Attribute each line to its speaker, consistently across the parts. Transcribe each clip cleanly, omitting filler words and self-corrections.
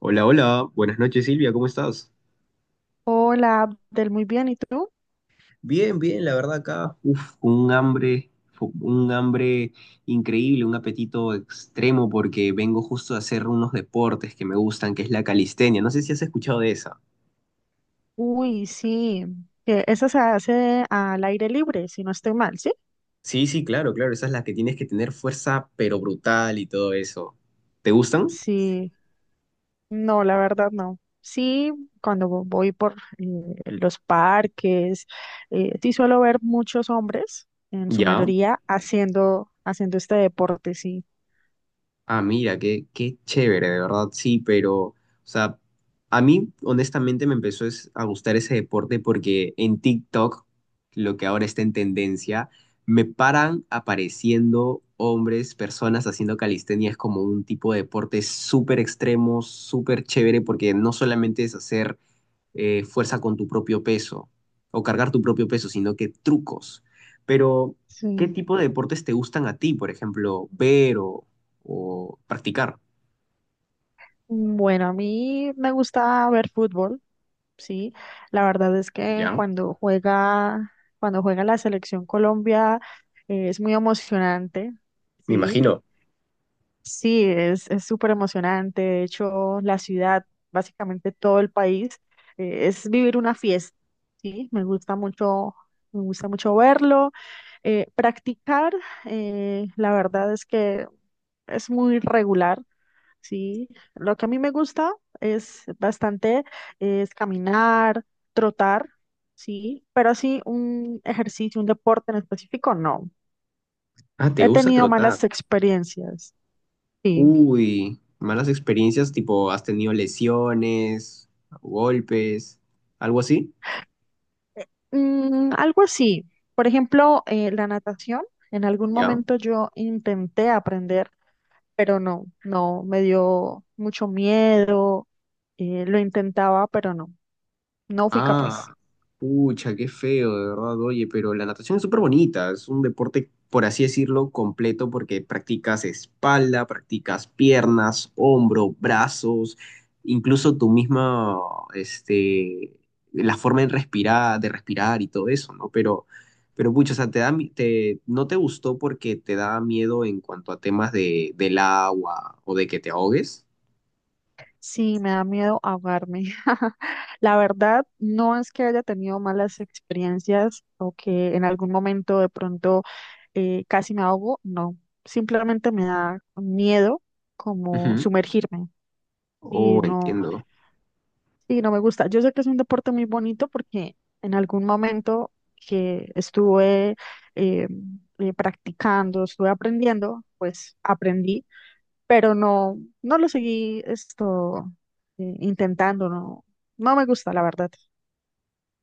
Speaker 1: Hola, hola, buenas noches Silvia, ¿cómo estás?
Speaker 2: Hola, Abdel, muy bien, ¿y tú?
Speaker 1: Bien, bien, la verdad acá, uf, un hambre, un hambre increíble, un apetito extremo porque vengo justo a hacer unos deportes que me gustan, que es la calistenia, no sé si has escuchado de esa.
Speaker 2: Uy, sí, que esa se hace al aire libre, si no estoy mal, ¿sí?
Speaker 1: Sí, sí, claro, claro, esa es la que tienes que tener fuerza pero brutal y todo eso. ¿Te gustan?
Speaker 2: Sí, no, la verdad no. Sí, cuando voy por los parques, sí suelo ver muchos hombres, en su
Speaker 1: Ya.
Speaker 2: mayoría, haciendo este deporte, sí.
Speaker 1: Ah, mira, qué, qué chévere, de verdad, sí, pero, o sea, a mí honestamente me empezó a gustar ese deporte porque en TikTok, lo que ahora está en tendencia, me paran apareciendo hombres, personas haciendo calistenia, es como un tipo de deporte súper extremo, súper chévere, porque no solamente es hacer fuerza con tu propio peso o cargar tu propio peso, sino que trucos. Pero, ¿qué
Speaker 2: Sí.
Speaker 1: tipo de deportes te gustan a ti, por ejemplo, ver o practicar?
Speaker 2: Bueno, a mí me gusta ver fútbol. Sí, la verdad es que
Speaker 1: Ya,
Speaker 2: cuando juega la selección Colombia, es muy emocionante,
Speaker 1: me
Speaker 2: sí,
Speaker 1: imagino.
Speaker 2: sí, es súper emocionante. De hecho, la ciudad, básicamente todo el país, es vivir una fiesta, sí, me gusta mucho verlo. Practicar, la verdad es que es muy regular. Sí, lo que a mí me gusta es bastante, es caminar, trotar, sí, pero así un ejercicio, un deporte en específico, no.
Speaker 1: Ah, ¿te
Speaker 2: He
Speaker 1: gusta
Speaker 2: tenido
Speaker 1: trotar?
Speaker 2: malas experiencias, sí.
Speaker 1: Uy, malas experiencias, tipo, ¿has tenido lesiones, golpes, algo así?
Speaker 2: Mm, algo así, por ejemplo, la natación, en algún
Speaker 1: Ya.
Speaker 2: momento yo intenté aprender, pero no, me dio mucho miedo, lo intentaba, pero no, no fui capaz.
Speaker 1: Ah, pucha, qué feo, de verdad, oye, pero la natación es súper bonita, es un deporte, por así decirlo, completo porque practicas espalda, practicas piernas, hombro, brazos, incluso tu misma, este, la forma de respirar y todo eso, ¿no? Pero pucha, o sea, te da, te, no te gustó porque te da miedo en cuanto a temas de, del agua o de que te ahogues.
Speaker 2: Sí, me da miedo ahogarme. La verdad, no es que haya tenido malas experiencias o que en algún momento de pronto casi me ahogo, no. Simplemente me da miedo como
Speaker 1: Ujú.
Speaker 2: sumergirme y
Speaker 1: Oh,
Speaker 2: no,
Speaker 1: entiendo.
Speaker 2: y no me gusta. Yo sé que es un deporte muy bonito porque en algún momento que estuve eh, practicando, estuve aprendiendo, pues aprendí, pero no, no lo seguí esto intentando, no, no me gusta, la verdad.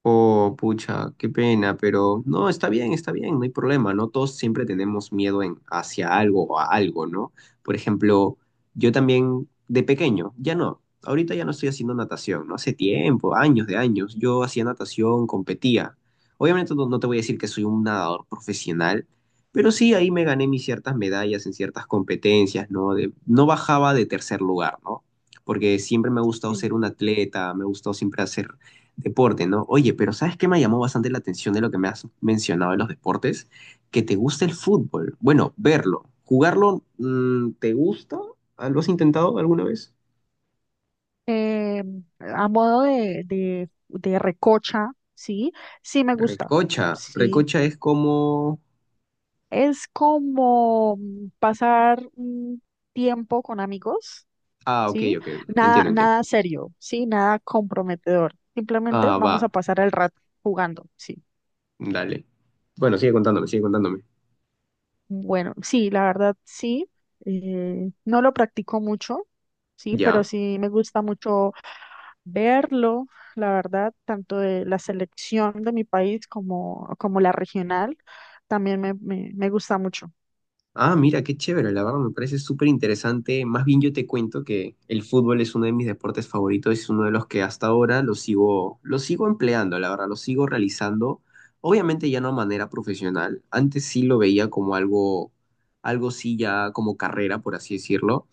Speaker 1: Oh, pucha, qué pena, pero no, está bien, no hay problema, ¿no? Todos siempre tenemos miedo en, hacia algo o a algo, ¿no? Por ejemplo, yo también de pequeño, ya no, ahorita ya no estoy haciendo natación, ¿no? Hace tiempo, años de años, yo hacía natación, competía. Obviamente no, no te voy a decir que soy un nadador profesional, pero sí ahí me gané mis ciertas medallas en ciertas competencias, ¿no? De, no bajaba de tercer lugar, ¿no? Porque siempre me ha gustado ser
Speaker 2: Sí.
Speaker 1: un atleta, me ha gustado siempre hacer deporte, ¿no? Oye, pero ¿sabes qué me llamó bastante la atención de lo que me has mencionado de los deportes? Que te gusta el fútbol. Bueno, verlo. ¿Jugarlo te gusta? Ah, ¿lo has intentado alguna vez?
Speaker 2: Eh, a modo de recocha, sí, sí me gusta,
Speaker 1: Recocha.
Speaker 2: sí.
Speaker 1: Recocha es como...
Speaker 2: Es como mm, pasar un tiempo con amigos,
Speaker 1: Ah, ok,
Speaker 2: sí,
Speaker 1: ok, ok. Entiendo, entiendo.
Speaker 2: nada serio, sí, nada comprometedor. Simplemente
Speaker 1: Ah, va.
Speaker 2: vamos a pasar el rato jugando, sí.
Speaker 1: Dale. Bueno, sigue contándome, sigue contándome.
Speaker 2: Bueno, sí, la verdad sí. No lo practico mucho, sí, pero
Speaker 1: Ya.
Speaker 2: sí me gusta mucho verlo, la verdad, tanto de la selección de mi país como, como la regional, también me gusta mucho,
Speaker 1: Ah, mira, qué chévere, la verdad me parece súper interesante. Más bien yo te cuento que el fútbol es uno de mis deportes favoritos, es uno de los que hasta ahora lo sigo empleando, la verdad, lo sigo realizando. Obviamente ya no de manera profesional, antes sí lo veía como algo, algo sí ya como carrera, por así decirlo,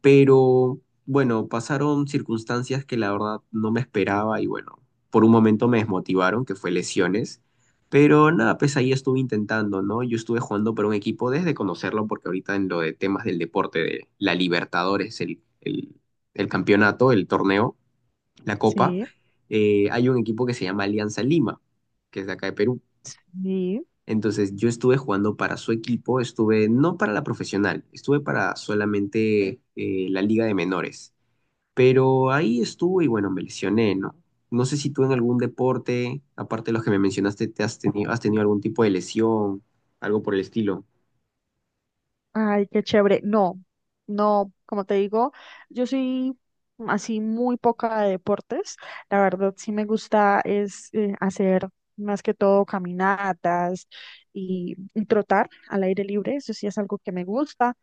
Speaker 1: pero bueno, pasaron circunstancias que la verdad no me esperaba y bueno, por un momento me desmotivaron, que fue lesiones. Pero nada, pues ahí estuve intentando, ¿no? Yo estuve jugando por un equipo desde conocerlo, porque ahorita en lo de temas del deporte, de la Libertadores, el campeonato, el torneo, la copa, hay un equipo que se llama Alianza Lima, que es de acá de Perú.
Speaker 2: sí.
Speaker 1: Entonces yo estuve jugando para su equipo, estuve no para la profesional, estuve para solamente la liga de menores. Pero ahí estuve y bueno, me lesioné, ¿no? No sé si tú en algún deporte, aparte de los que me mencionaste, te has tenido algún tipo de lesión, algo por el estilo.
Speaker 2: Ay, qué chévere. No, no, como te digo, yo soy así muy poca de deportes. La verdad, sí me gusta es hacer más que todo caminatas y trotar al aire libre. Eso sí es algo que me gusta,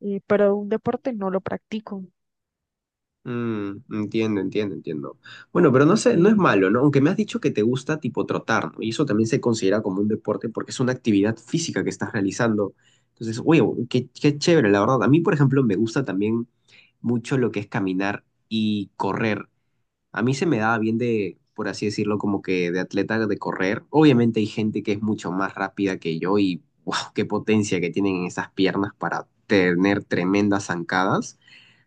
Speaker 2: pero un deporte no lo practico.
Speaker 1: Entiendo, entiendo, entiendo. Bueno, pero no sé, no es
Speaker 2: Sí,
Speaker 1: malo, ¿no? Aunque me has dicho que te gusta tipo trotar, ¿no? Y eso también se considera como un deporte porque es una actividad física que estás realizando. Entonces, oye, qué, qué chévere, la verdad. A mí, por ejemplo, me gusta también mucho lo que es caminar y correr. A mí se me daba bien de, por así decirlo, como que de atleta de correr. Obviamente hay gente que es mucho más rápida que yo y wow, qué potencia que tienen en esas piernas para tener tremendas zancadas.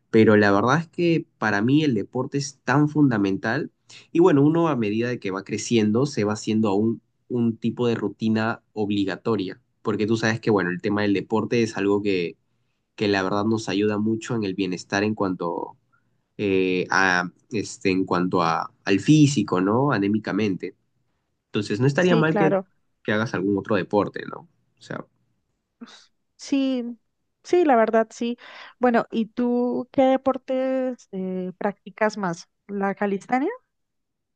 Speaker 1: Pero la verdad es que para mí el deporte es tan fundamental. Y bueno, uno a medida de que va creciendo se va haciendo aún un tipo de rutina obligatoria. Porque tú sabes que, bueno, el tema del deporte es algo que la verdad nos ayuda mucho en el bienestar en cuanto a, este, en cuanto a, al físico, ¿no? Anémicamente. Entonces, no estaría
Speaker 2: sí,
Speaker 1: mal
Speaker 2: claro.
Speaker 1: que hagas algún otro deporte, ¿no? O sea,
Speaker 2: Sí, sí, la verdad, sí. Bueno, ¿y tú qué deportes practicas más? ¿La calistenia?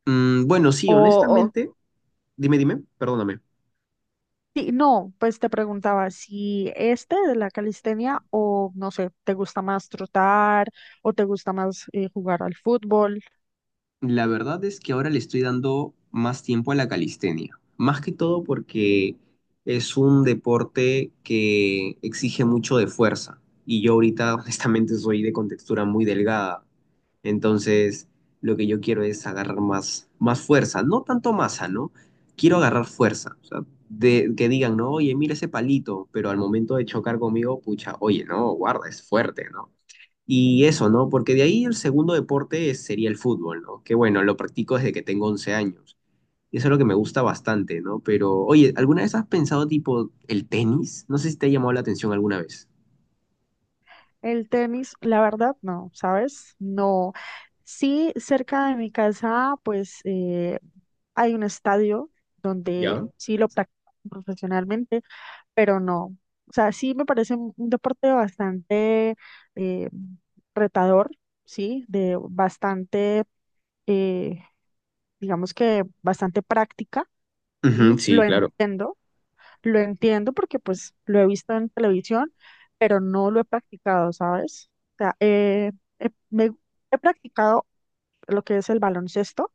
Speaker 1: bueno, sí,
Speaker 2: ¿O
Speaker 1: honestamente, dime, dime, perdóname.
Speaker 2: sí? No, pues te preguntaba si este de la calistenia o no sé, te gusta más trotar o te gusta más jugar al fútbol,
Speaker 1: La verdad es que ahora le estoy dando más tiempo a la calistenia, más que todo porque es un deporte que exige mucho de fuerza y yo ahorita honestamente soy de contextura muy delgada, entonces lo que yo quiero es agarrar más, más fuerza, no tanto masa, ¿no? Quiero agarrar fuerza, o sea, de, que digan, no, oye, mira ese palito, pero al momento de chocar conmigo, pucha, oye, no, guarda, es fuerte, no. Y eso, ¿no? Porque de ahí el segundo deporte sería el fútbol, ¿no? Que bueno, lo practico desde que tengo 11 años. Y eso es lo que me gusta bastante, ¿no? Pero, oye, ¿alguna vez has pensado tipo el tenis? No sé si te ha llamado la atención alguna vez.
Speaker 2: el tenis. La verdad no, ¿sabes? No. Sí, cerca de mi casa pues hay un estadio donde
Speaker 1: ¿Ya?
Speaker 2: sí lo practico profesionalmente, pero no. O sea, sí me parece un deporte bastante eh, retador, sí, de bastante... eh, digamos que bastante práctica,
Speaker 1: Ujú,
Speaker 2: ¿sí?
Speaker 1: sí, claro.
Speaker 2: Lo entiendo porque pues lo he visto en televisión, pero no lo he practicado, ¿sabes? O sea, he, me- he practicado lo que es el baloncesto.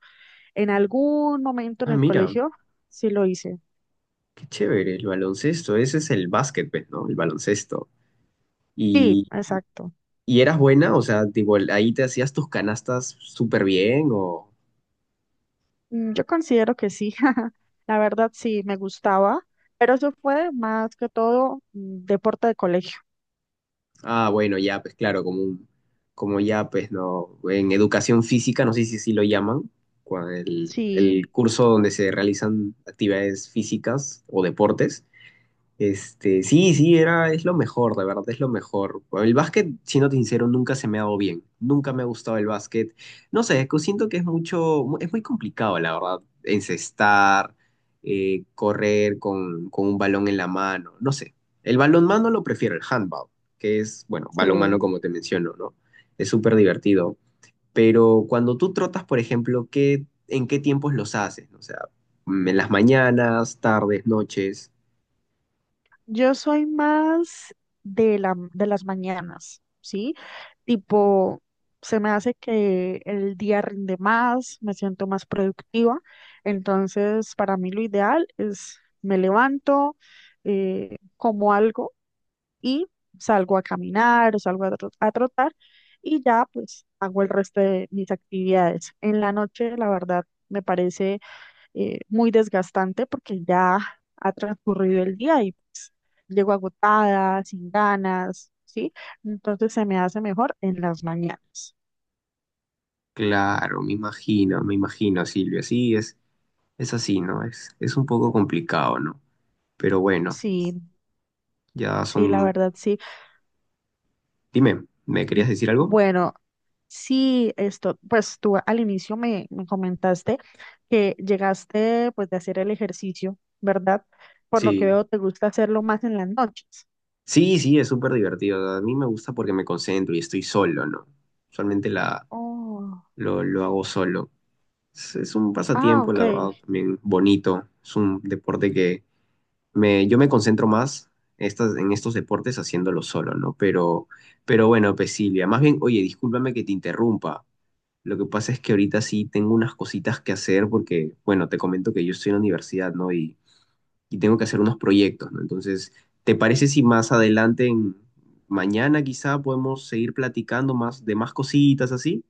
Speaker 2: En algún momento en
Speaker 1: Ah,
Speaker 2: el
Speaker 1: mira,
Speaker 2: colegio sí lo hice.
Speaker 1: qué chévere, el baloncesto, ese es el básquet, pues, ¿no? El baloncesto.
Speaker 2: Sí,
Speaker 1: ¿Y,
Speaker 2: exacto.
Speaker 1: y eras buena? O sea, tipo, ahí te hacías tus canastas súper bien o...
Speaker 2: Mm, yo considero que sí. La verdad sí, me gustaba, pero eso fue más que todo mm, deporte de colegio.
Speaker 1: Ah, bueno, ya, pues claro, como un, como ya, pues no, en educación física, no sé si así lo llaman,
Speaker 2: Sí,
Speaker 1: el curso donde se realizan actividades físicas o deportes, este, sí, sí, era, es lo mejor, de verdad, es lo mejor. El básquet, siendo sincero, nunca se me ha dado bien. Nunca me ha gustado el básquet. No sé, es que siento que es mucho, es muy complicado, la verdad, encestar, correr con un balón en la mano. No sé. El balonmano lo prefiero, el handball, que es, bueno, balonmano
Speaker 2: sí.
Speaker 1: como te menciono, ¿no? Es súper divertido. Pero cuando tú trotas, por ejemplo, ¿qué, en qué tiempos los haces? O sea, en las mañanas, tardes, noches.
Speaker 2: Yo soy más de las mañanas, ¿sí? Tipo, se me hace que el día rinde más, me siento más productiva. Entonces, para mí lo ideal es: me levanto, como algo y salgo a caminar o salgo a a trotar y ya pues hago el resto de mis actividades. En la noche, la verdad, me parece muy desgastante porque ya ha transcurrido el día y pues, llego agotada, sin ganas, ¿sí? Entonces se me hace mejor en las mañanas.
Speaker 1: Claro, me imagino, Silvia. Sí, es así, ¿no? Es un poco complicado, ¿no? Pero bueno,
Speaker 2: Sí,
Speaker 1: ya
Speaker 2: sí, la
Speaker 1: son...
Speaker 2: verdad, sí.
Speaker 1: Dime, ¿me querías decir algo?
Speaker 2: Bueno, sí, esto, pues tú al inicio me comentaste que llegaste pues de hacer el ejercicio, ¿verdad? Por lo que
Speaker 1: Sí.
Speaker 2: veo, te gusta hacerlo más en las noches.
Speaker 1: Sí, sí, es súper divertido. A mí me gusta porque me concentro y estoy solo, ¿no? Usualmente la,
Speaker 2: Oh,
Speaker 1: lo hago solo. Es un
Speaker 2: ah,
Speaker 1: pasatiempo,
Speaker 2: ok.
Speaker 1: la verdad, también bonito. Es un deporte que me, yo me concentro más estas, en estos deportes haciéndolo solo, ¿no? Pero bueno, pues Silvia, más bien, oye, discúlpame que te interrumpa. Lo que pasa es que ahorita sí tengo unas cositas que hacer porque, bueno, te comento que yo estoy en la universidad, ¿no? Y tengo que hacer unos proyectos, ¿no? Entonces, ¿te parece si más adelante, mañana quizá, podemos seguir platicando más de más cositas así?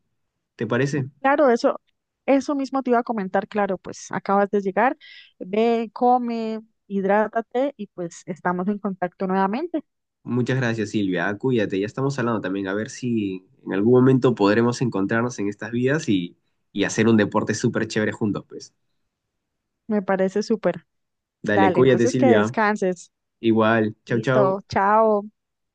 Speaker 1: ¿Te parece?
Speaker 2: Claro, eso mismo te iba a comentar, claro, pues acabas de llegar, ve, come, hidrátate y pues estamos en contacto nuevamente.
Speaker 1: Muchas gracias, Silvia. Ah, cuídate, ya estamos hablando también. A ver si en algún momento podremos encontrarnos en estas vidas y hacer un deporte súper chévere juntos, pues.
Speaker 2: Me parece súper.
Speaker 1: Dale,
Speaker 2: Dale,
Speaker 1: cuídate,
Speaker 2: entonces que
Speaker 1: Silvia.
Speaker 2: descanses.
Speaker 1: Igual. Chau, chau.
Speaker 2: Listo, chao.